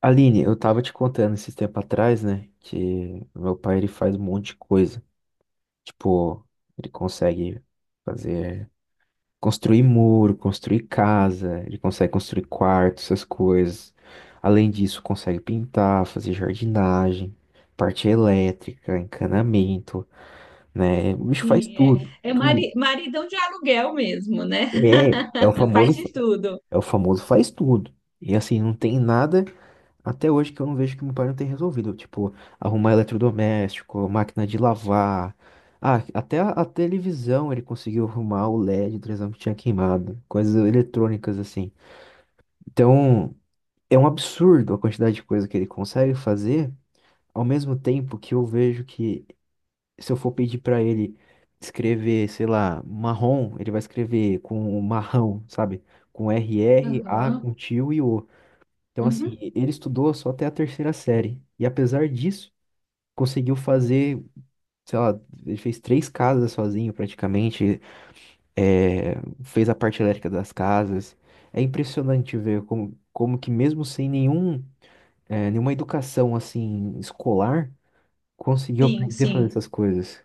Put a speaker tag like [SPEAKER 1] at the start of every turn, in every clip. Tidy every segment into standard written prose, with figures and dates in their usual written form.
[SPEAKER 1] Aline, eu tava te contando esses tempo atrás, né, que meu pai ele faz um monte de coisa. Tipo, ele consegue fazer, construir muro, construir casa, ele consegue construir quarto, essas coisas. Além disso, consegue pintar, fazer jardinagem, parte elétrica, encanamento, né? O bicho faz
[SPEAKER 2] Sim, é,
[SPEAKER 1] tudo,
[SPEAKER 2] é
[SPEAKER 1] tudo.
[SPEAKER 2] mari, maridão de aluguel mesmo, né?
[SPEAKER 1] É, é o famoso,
[SPEAKER 2] Faz de tudo.
[SPEAKER 1] é o famoso faz tudo. E assim, não tem nada até hoje que eu não vejo que meu pai não tem resolvido. Tipo, arrumar eletrodoméstico, máquina de lavar. Ah, até a televisão ele conseguiu arrumar o LED da televisão que tinha queimado. Coisas eletrônicas assim. Então, é um absurdo a quantidade de coisa que ele consegue fazer, ao mesmo tempo que eu vejo que se eu for pedir pra ele escrever, sei lá, marrom, ele vai escrever com marrão, sabe? Com RR, A,
[SPEAKER 2] Aham,
[SPEAKER 1] com tio e O. Então, assim,
[SPEAKER 2] uhum.
[SPEAKER 1] ele estudou só até a terceira série. E apesar disso, conseguiu fazer, sei lá, ele fez três casas sozinho praticamente, é, fez a parte elétrica das casas. É impressionante ver como, como que mesmo sem nenhum, nenhuma educação, assim, escolar, conseguiu
[SPEAKER 2] Sim,
[SPEAKER 1] aprender a fazer
[SPEAKER 2] sim.
[SPEAKER 1] essas coisas.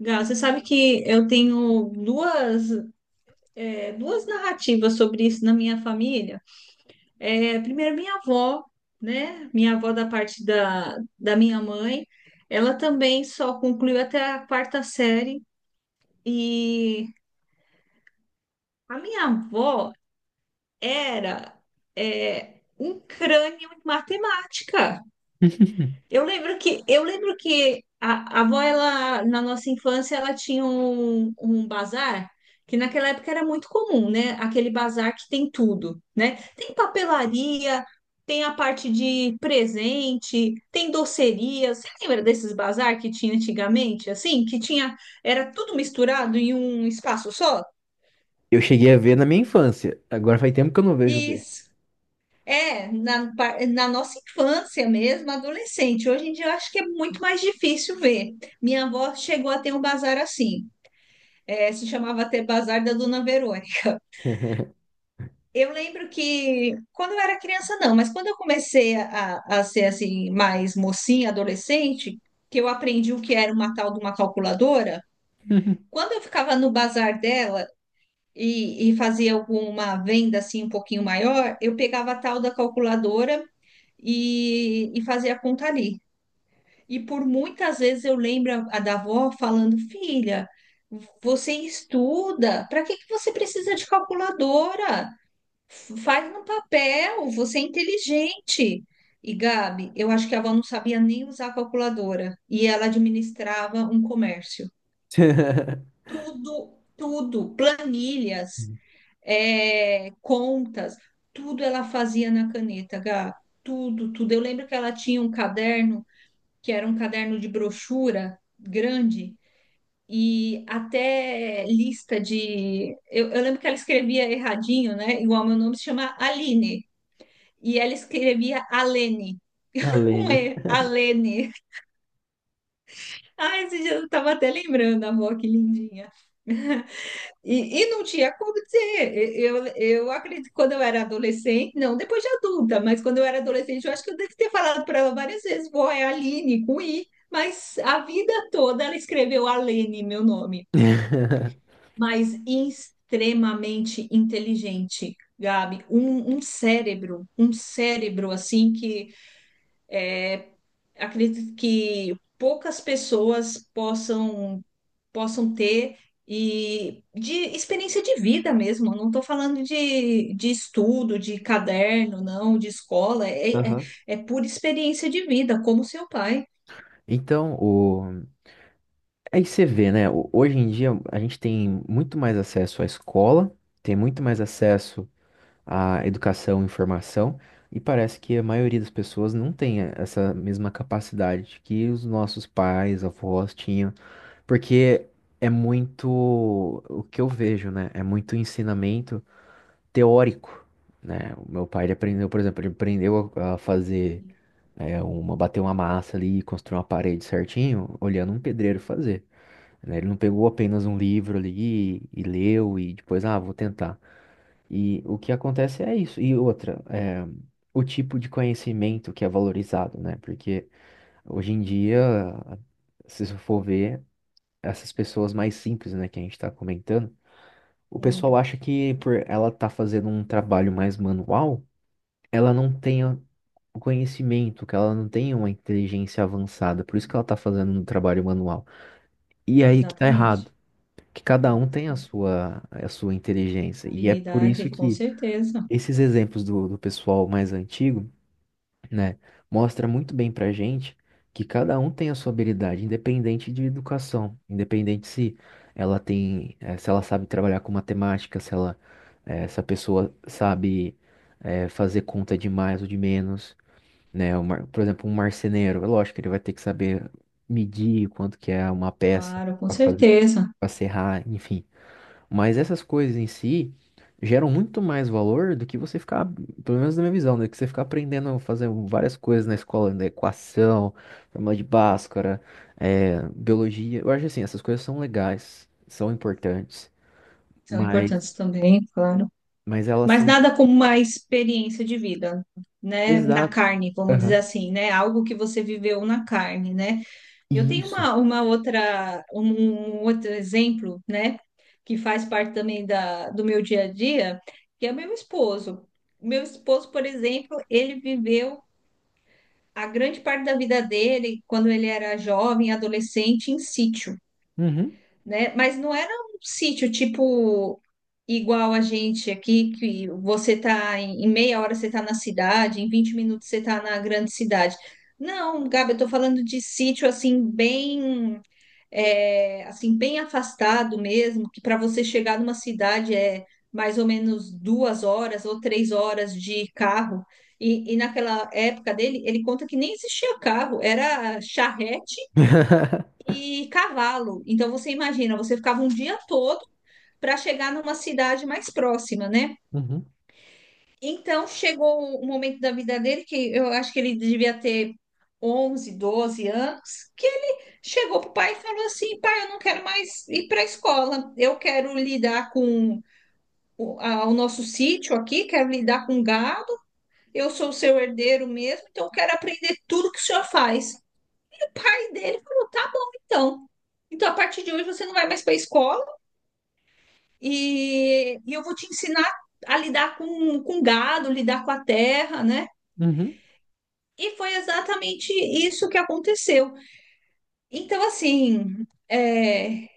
[SPEAKER 2] Gal, você sabe que eu tenho duas narrativas sobre isso na minha família. É, primeiro, minha avó, né? Minha avó da parte da minha mãe, ela também só concluiu até a quarta série. E a minha avó era um crânio em matemática. Eu lembro que a avó ela na nossa infância ela tinha um bazar que naquela época era muito comum, né? Aquele bazar que tem tudo, né? Tem papelaria, tem a parte de presente, tem doceria. Você lembra desses bazar que tinha antigamente, assim, que tinha era tudo misturado em um espaço só?
[SPEAKER 1] Eu cheguei a ver na minha infância. Agora faz tempo que eu não vejo um
[SPEAKER 2] E
[SPEAKER 1] desses.
[SPEAKER 2] Na nossa infância mesmo, adolescente. Hoje em dia eu acho que é muito mais difícil ver. Minha avó chegou a ter um bazar assim, se chamava até Bazar da Dona Verônica. Eu lembro que quando eu era criança, não, mas quando eu comecei a ser assim, mais mocinha, adolescente, que eu aprendi o que era uma tal de uma calculadora, quando eu ficava no bazar dela, e fazia alguma venda assim um pouquinho maior, eu pegava a tal da calculadora e fazia a conta ali. E por muitas vezes eu lembro a da avó falando, filha, você estuda, para que que você precisa de calculadora? Faz no papel, você é inteligente. E Gabi, eu acho que a avó não sabia nem usar a calculadora e ela administrava um comércio. Tudo, tudo, planilhas, contas, tudo ela fazia na caneta, Gá. Tudo, tudo. Eu lembro que ela tinha um caderno, que era um caderno de brochura grande, e até lista de. Eu lembro que ela escrevia erradinho, né? Igual meu nome se chama Aline. E ela escrevia Alene,
[SPEAKER 1] A
[SPEAKER 2] com
[SPEAKER 1] Lene.
[SPEAKER 2] E, Alene. Ai, esse dia eu tava até lembrando, amor, que lindinha. E não tinha como dizer. Eu acredito que quando eu era adolescente, não depois de adulta, mas quando eu era adolescente, eu acho que eu devo ter falado para ela várias vezes: vó, é Aline, com I. Mas a vida toda ela escreveu Alene, meu nome. Mas extremamente inteligente, Gabi. Um cérebro assim que acredito que poucas pessoas possam ter e de experiência de vida mesmo. Eu não estou falando de estudo, de caderno, não, de escola. É, é,
[SPEAKER 1] Aham.
[SPEAKER 2] é pura experiência de vida, como seu pai.
[SPEAKER 1] Então, o... Aí você vê, né? Hoje em dia a gente tem muito mais acesso à escola, tem muito mais acesso à educação e informação, e parece que a maioria das pessoas não tem essa mesma capacidade que os nossos pais, avós tinham, porque é muito o que eu vejo, né? É muito ensinamento teórico, né? O meu pai ele aprendeu, por exemplo, ele aprendeu a fazer uma, bater uma massa ali e construir uma parede certinho, olhando um pedreiro fazer, né? Ele não pegou apenas um livro ali e, leu e depois, ah, vou tentar. E o que acontece é isso. E outra, é, o tipo de conhecimento que é valorizado, né? Porque hoje em dia, se você for ver, essas pessoas mais simples, né, que a gente está comentando, o
[SPEAKER 2] Sim,
[SPEAKER 1] pessoal acha que por ela estar fazendo um trabalho mais manual, ela não tenha o conhecimento, que ela não tenha uma inteligência avançada, por isso que ela está fazendo um trabalho manual. E aí que tá
[SPEAKER 2] exatamente.
[SPEAKER 1] errado. Que cada
[SPEAKER 2] É,
[SPEAKER 1] um tem a
[SPEAKER 2] com cer-
[SPEAKER 1] sua, a sua inteligência. E é por isso
[SPEAKER 2] habilidade, com
[SPEAKER 1] que
[SPEAKER 2] certeza.
[SPEAKER 1] esses exemplos do pessoal mais antigo, né, mostra muito bem pra gente que cada um tem a sua habilidade, independente de educação, independente se ela tem, se ela sabe trabalhar com matemática, se ela, se a pessoa sabe, fazer conta de mais ou de menos, né? Por exemplo, um marceneiro, é lógico que ele vai ter que saber medir quanto que é uma peça
[SPEAKER 2] Claro, com
[SPEAKER 1] para fazer,
[SPEAKER 2] certeza.
[SPEAKER 1] para serrar, enfim. Mas essas coisas em si geram muito mais valor do que você ficar, pelo menos na minha visão, né? Que você ficar aprendendo a fazer várias coisas na escola, né? Equação, fórmula de Bhaskara, biologia. Eu acho assim, essas coisas são legais, são importantes,
[SPEAKER 2] São importantes
[SPEAKER 1] mas,
[SPEAKER 2] também, claro.
[SPEAKER 1] mas elas
[SPEAKER 2] Mas
[SPEAKER 1] são.
[SPEAKER 2] nada como uma experiência de vida, né? Na
[SPEAKER 1] Exato.
[SPEAKER 2] carne, vamos dizer
[SPEAKER 1] Aham.
[SPEAKER 2] assim, né? Algo que você viveu na carne, né? Eu tenho
[SPEAKER 1] Isso.
[SPEAKER 2] um outro exemplo, né, que faz parte também do meu dia a dia, que é meu esposo. Meu esposo, por exemplo, ele viveu a grande parte da vida dele, quando ele era jovem, adolescente, em sítio,
[SPEAKER 1] Uhum.
[SPEAKER 2] né? Mas não era um sítio tipo igual a gente aqui, que você tá em meia hora você está na cidade, em 20 minutos você está na grande cidade. Não, Gabi, eu tô falando de sítio assim, bem, assim, bem afastado mesmo, que para você chegar numa cidade é mais ou menos 2 horas ou 3 horas de carro. E naquela época dele, ele conta que nem existia carro, era charrete e cavalo. Então você imagina, você ficava um dia todo para chegar numa cidade mais próxima, né?
[SPEAKER 1] Uhum.
[SPEAKER 2] Então chegou o momento da vida dele, que eu acho que ele devia ter 11 12 anos, que ele chegou para o pai e falou assim: pai, eu não quero mais ir para a escola, eu quero lidar com o nosso sítio aqui, quero lidar com gado, eu sou seu herdeiro mesmo, então eu quero aprender tudo que o senhor faz. E o pai dele falou: tá bom, então. Então, a partir de hoje, você não vai mais para a escola e eu vou te ensinar a lidar com gado, lidar com a terra, né?
[SPEAKER 1] Uhum.
[SPEAKER 2] E foi exatamente isso que aconteceu. Então, assim,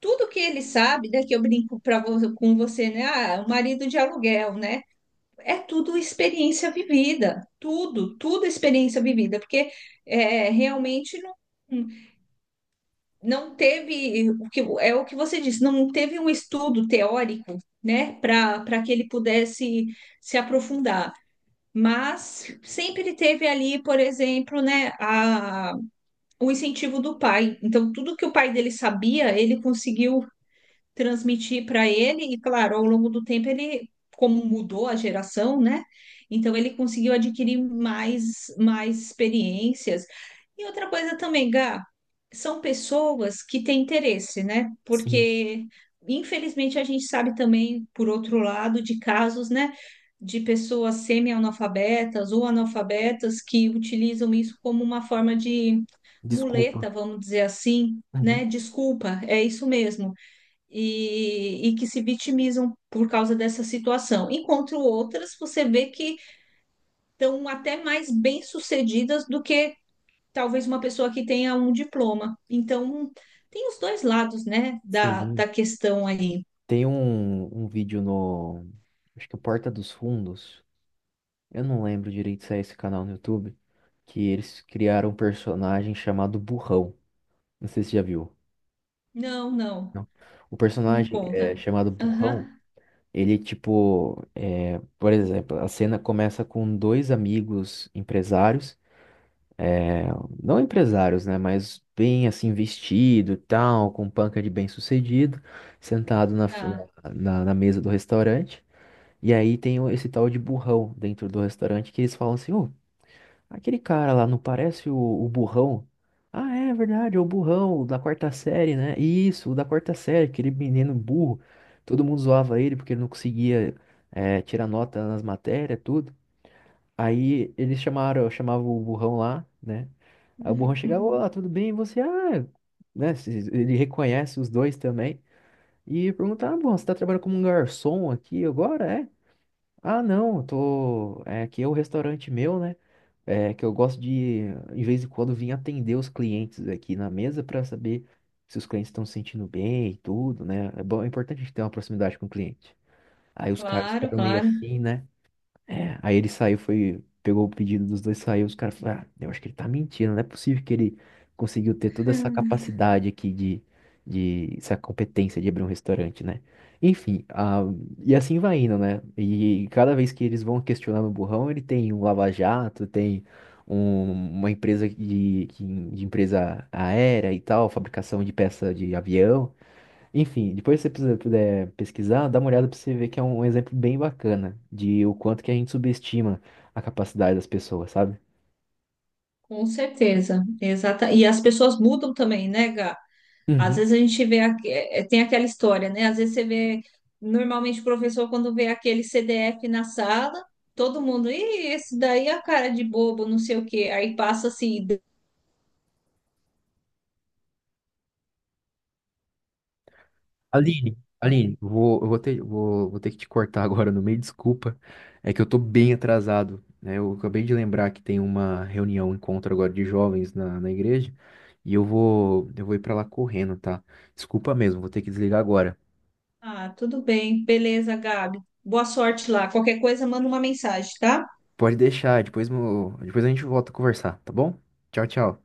[SPEAKER 2] tudo que ele sabe, né, que eu brinco com você, né? Ah, o marido de aluguel, né? É tudo experiência vivida. Tudo, tudo experiência vivida. Porque realmente não, não teve o que é o que você disse, não teve um estudo teórico, né, para que ele pudesse se aprofundar. Mas sempre teve ali, por exemplo, né, a o incentivo do pai. Então, tudo que o pai dele sabia, ele conseguiu transmitir para ele, e claro, ao longo do tempo ele, como mudou a geração, né? Então ele conseguiu adquirir mais experiências. E outra coisa também, Gá, são pessoas que têm interesse, né?
[SPEAKER 1] Sim.
[SPEAKER 2] Porque, infelizmente, a gente sabe também, por outro lado, de casos, né? De pessoas semi-analfabetas ou analfabetas que utilizam isso como uma forma de
[SPEAKER 1] Desculpa.
[SPEAKER 2] muleta, vamos dizer assim, né?
[SPEAKER 1] Uhum.
[SPEAKER 2] Desculpa, é isso mesmo e que se vitimizam por causa dessa situação, enquanto outras você vê que estão até mais bem-sucedidas do que talvez uma pessoa que tenha um diploma. Então, tem os dois lados, né, da,
[SPEAKER 1] Sim.
[SPEAKER 2] da questão aí.
[SPEAKER 1] Tem um vídeo no. Acho que é Porta dos Fundos. Eu não lembro direito se é esse canal no YouTube, que eles criaram um personagem chamado Burrão. Não sei se você já viu.
[SPEAKER 2] Não, não,
[SPEAKER 1] Não? O
[SPEAKER 2] me
[SPEAKER 1] personagem é
[SPEAKER 2] conta.
[SPEAKER 1] chamado Burrão.
[SPEAKER 2] Aham,
[SPEAKER 1] Ele, tipo, é, por exemplo, a cena começa com dois amigos empresários, é, não empresários, né, mas bem assim vestido, e tal, com panca de bem-sucedido, sentado na, f-
[SPEAKER 2] tá.
[SPEAKER 1] na, na mesa do restaurante. E aí tem esse tal de burrão dentro do restaurante que eles falam assim, ô, aquele cara lá, não parece o burrão? Ah, é verdade, é o burrão, o da quarta série, né? Isso, o da quarta série, aquele menino burro. Todo mundo zoava ele porque ele não conseguia tirar nota nas matérias, tudo. Aí eles chamavam o burrão lá, né? Aí o burrão chegava, olá, tudo bem? E você, ah, né? Ele reconhece os dois também. E pergunta, ah, burrão, você tá trabalhando como um garçom aqui agora, é? Ah, não, eu tô... É, aqui é o restaurante meu, né? É que eu gosto de vez em quando, vir atender os clientes aqui na mesa para saber se os clientes estão se sentindo bem e tudo, né? É bom, é importante a gente ter uma proximidade com o cliente. Aí os caras
[SPEAKER 2] Claro,
[SPEAKER 1] ficaram meio
[SPEAKER 2] claro.
[SPEAKER 1] assim, né? É, aí ele saiu, foi, pegou o pedido dos dois, saiu, os caras falaram, ah, eu acho que ele tá mentindo, não é possível que ele conseguiu ter toda essa capacidade aqui de essa competência de abrir um restaurante, né? Enfim, ah, e assim vai indo, né? E cada vez que eles vão questionando o burrão, ele tem um lava-jato, tem um- uma empresa de, de empresa aérea e tal, fabricação de peça de avião. Enfim, depois se você puder pesquisar, dá uma olhada para você ver que é um exemplo bem bacana de o quanto que a gente subestima a capacidade das pessoas, sabe?
[SPEAKER 2] Com certeza, exata. E as pessoas mudam também, né, Gá? Às
[SPEAKER 1] Uhum.
[SPEAKER 2] vezes a gente vê, tem aquela história, né? Às vezes você vê, normalmente o professor, quando vê aquele CDF na sala, todo mundo, e esse daí é a cara de bobo, não sei o quê. Aí passa assim,
[SPEAKER 1] Aline, Aline, vou, eu vou ter, vou, vou ter que te cortar agora no meio, desculpa. É que eu tô bem atrasado, né? Eu acabei de lembrar que tem uma reunião, um encontro agora de jovens na, na igreja, e eu vou ir pra lá correndo, tá? Desculpa mesmo, vou ter que desligar agora.
[SPEAKER 2] ah, tudo bem, beleza, Gabi, boa sorte lá. Qualquer coisa, manda uma mensagem, tá?
[SPEAKER 1] Pode deixar, depois, depois a gente volta a conversar, tá bom? Tchau, tchau.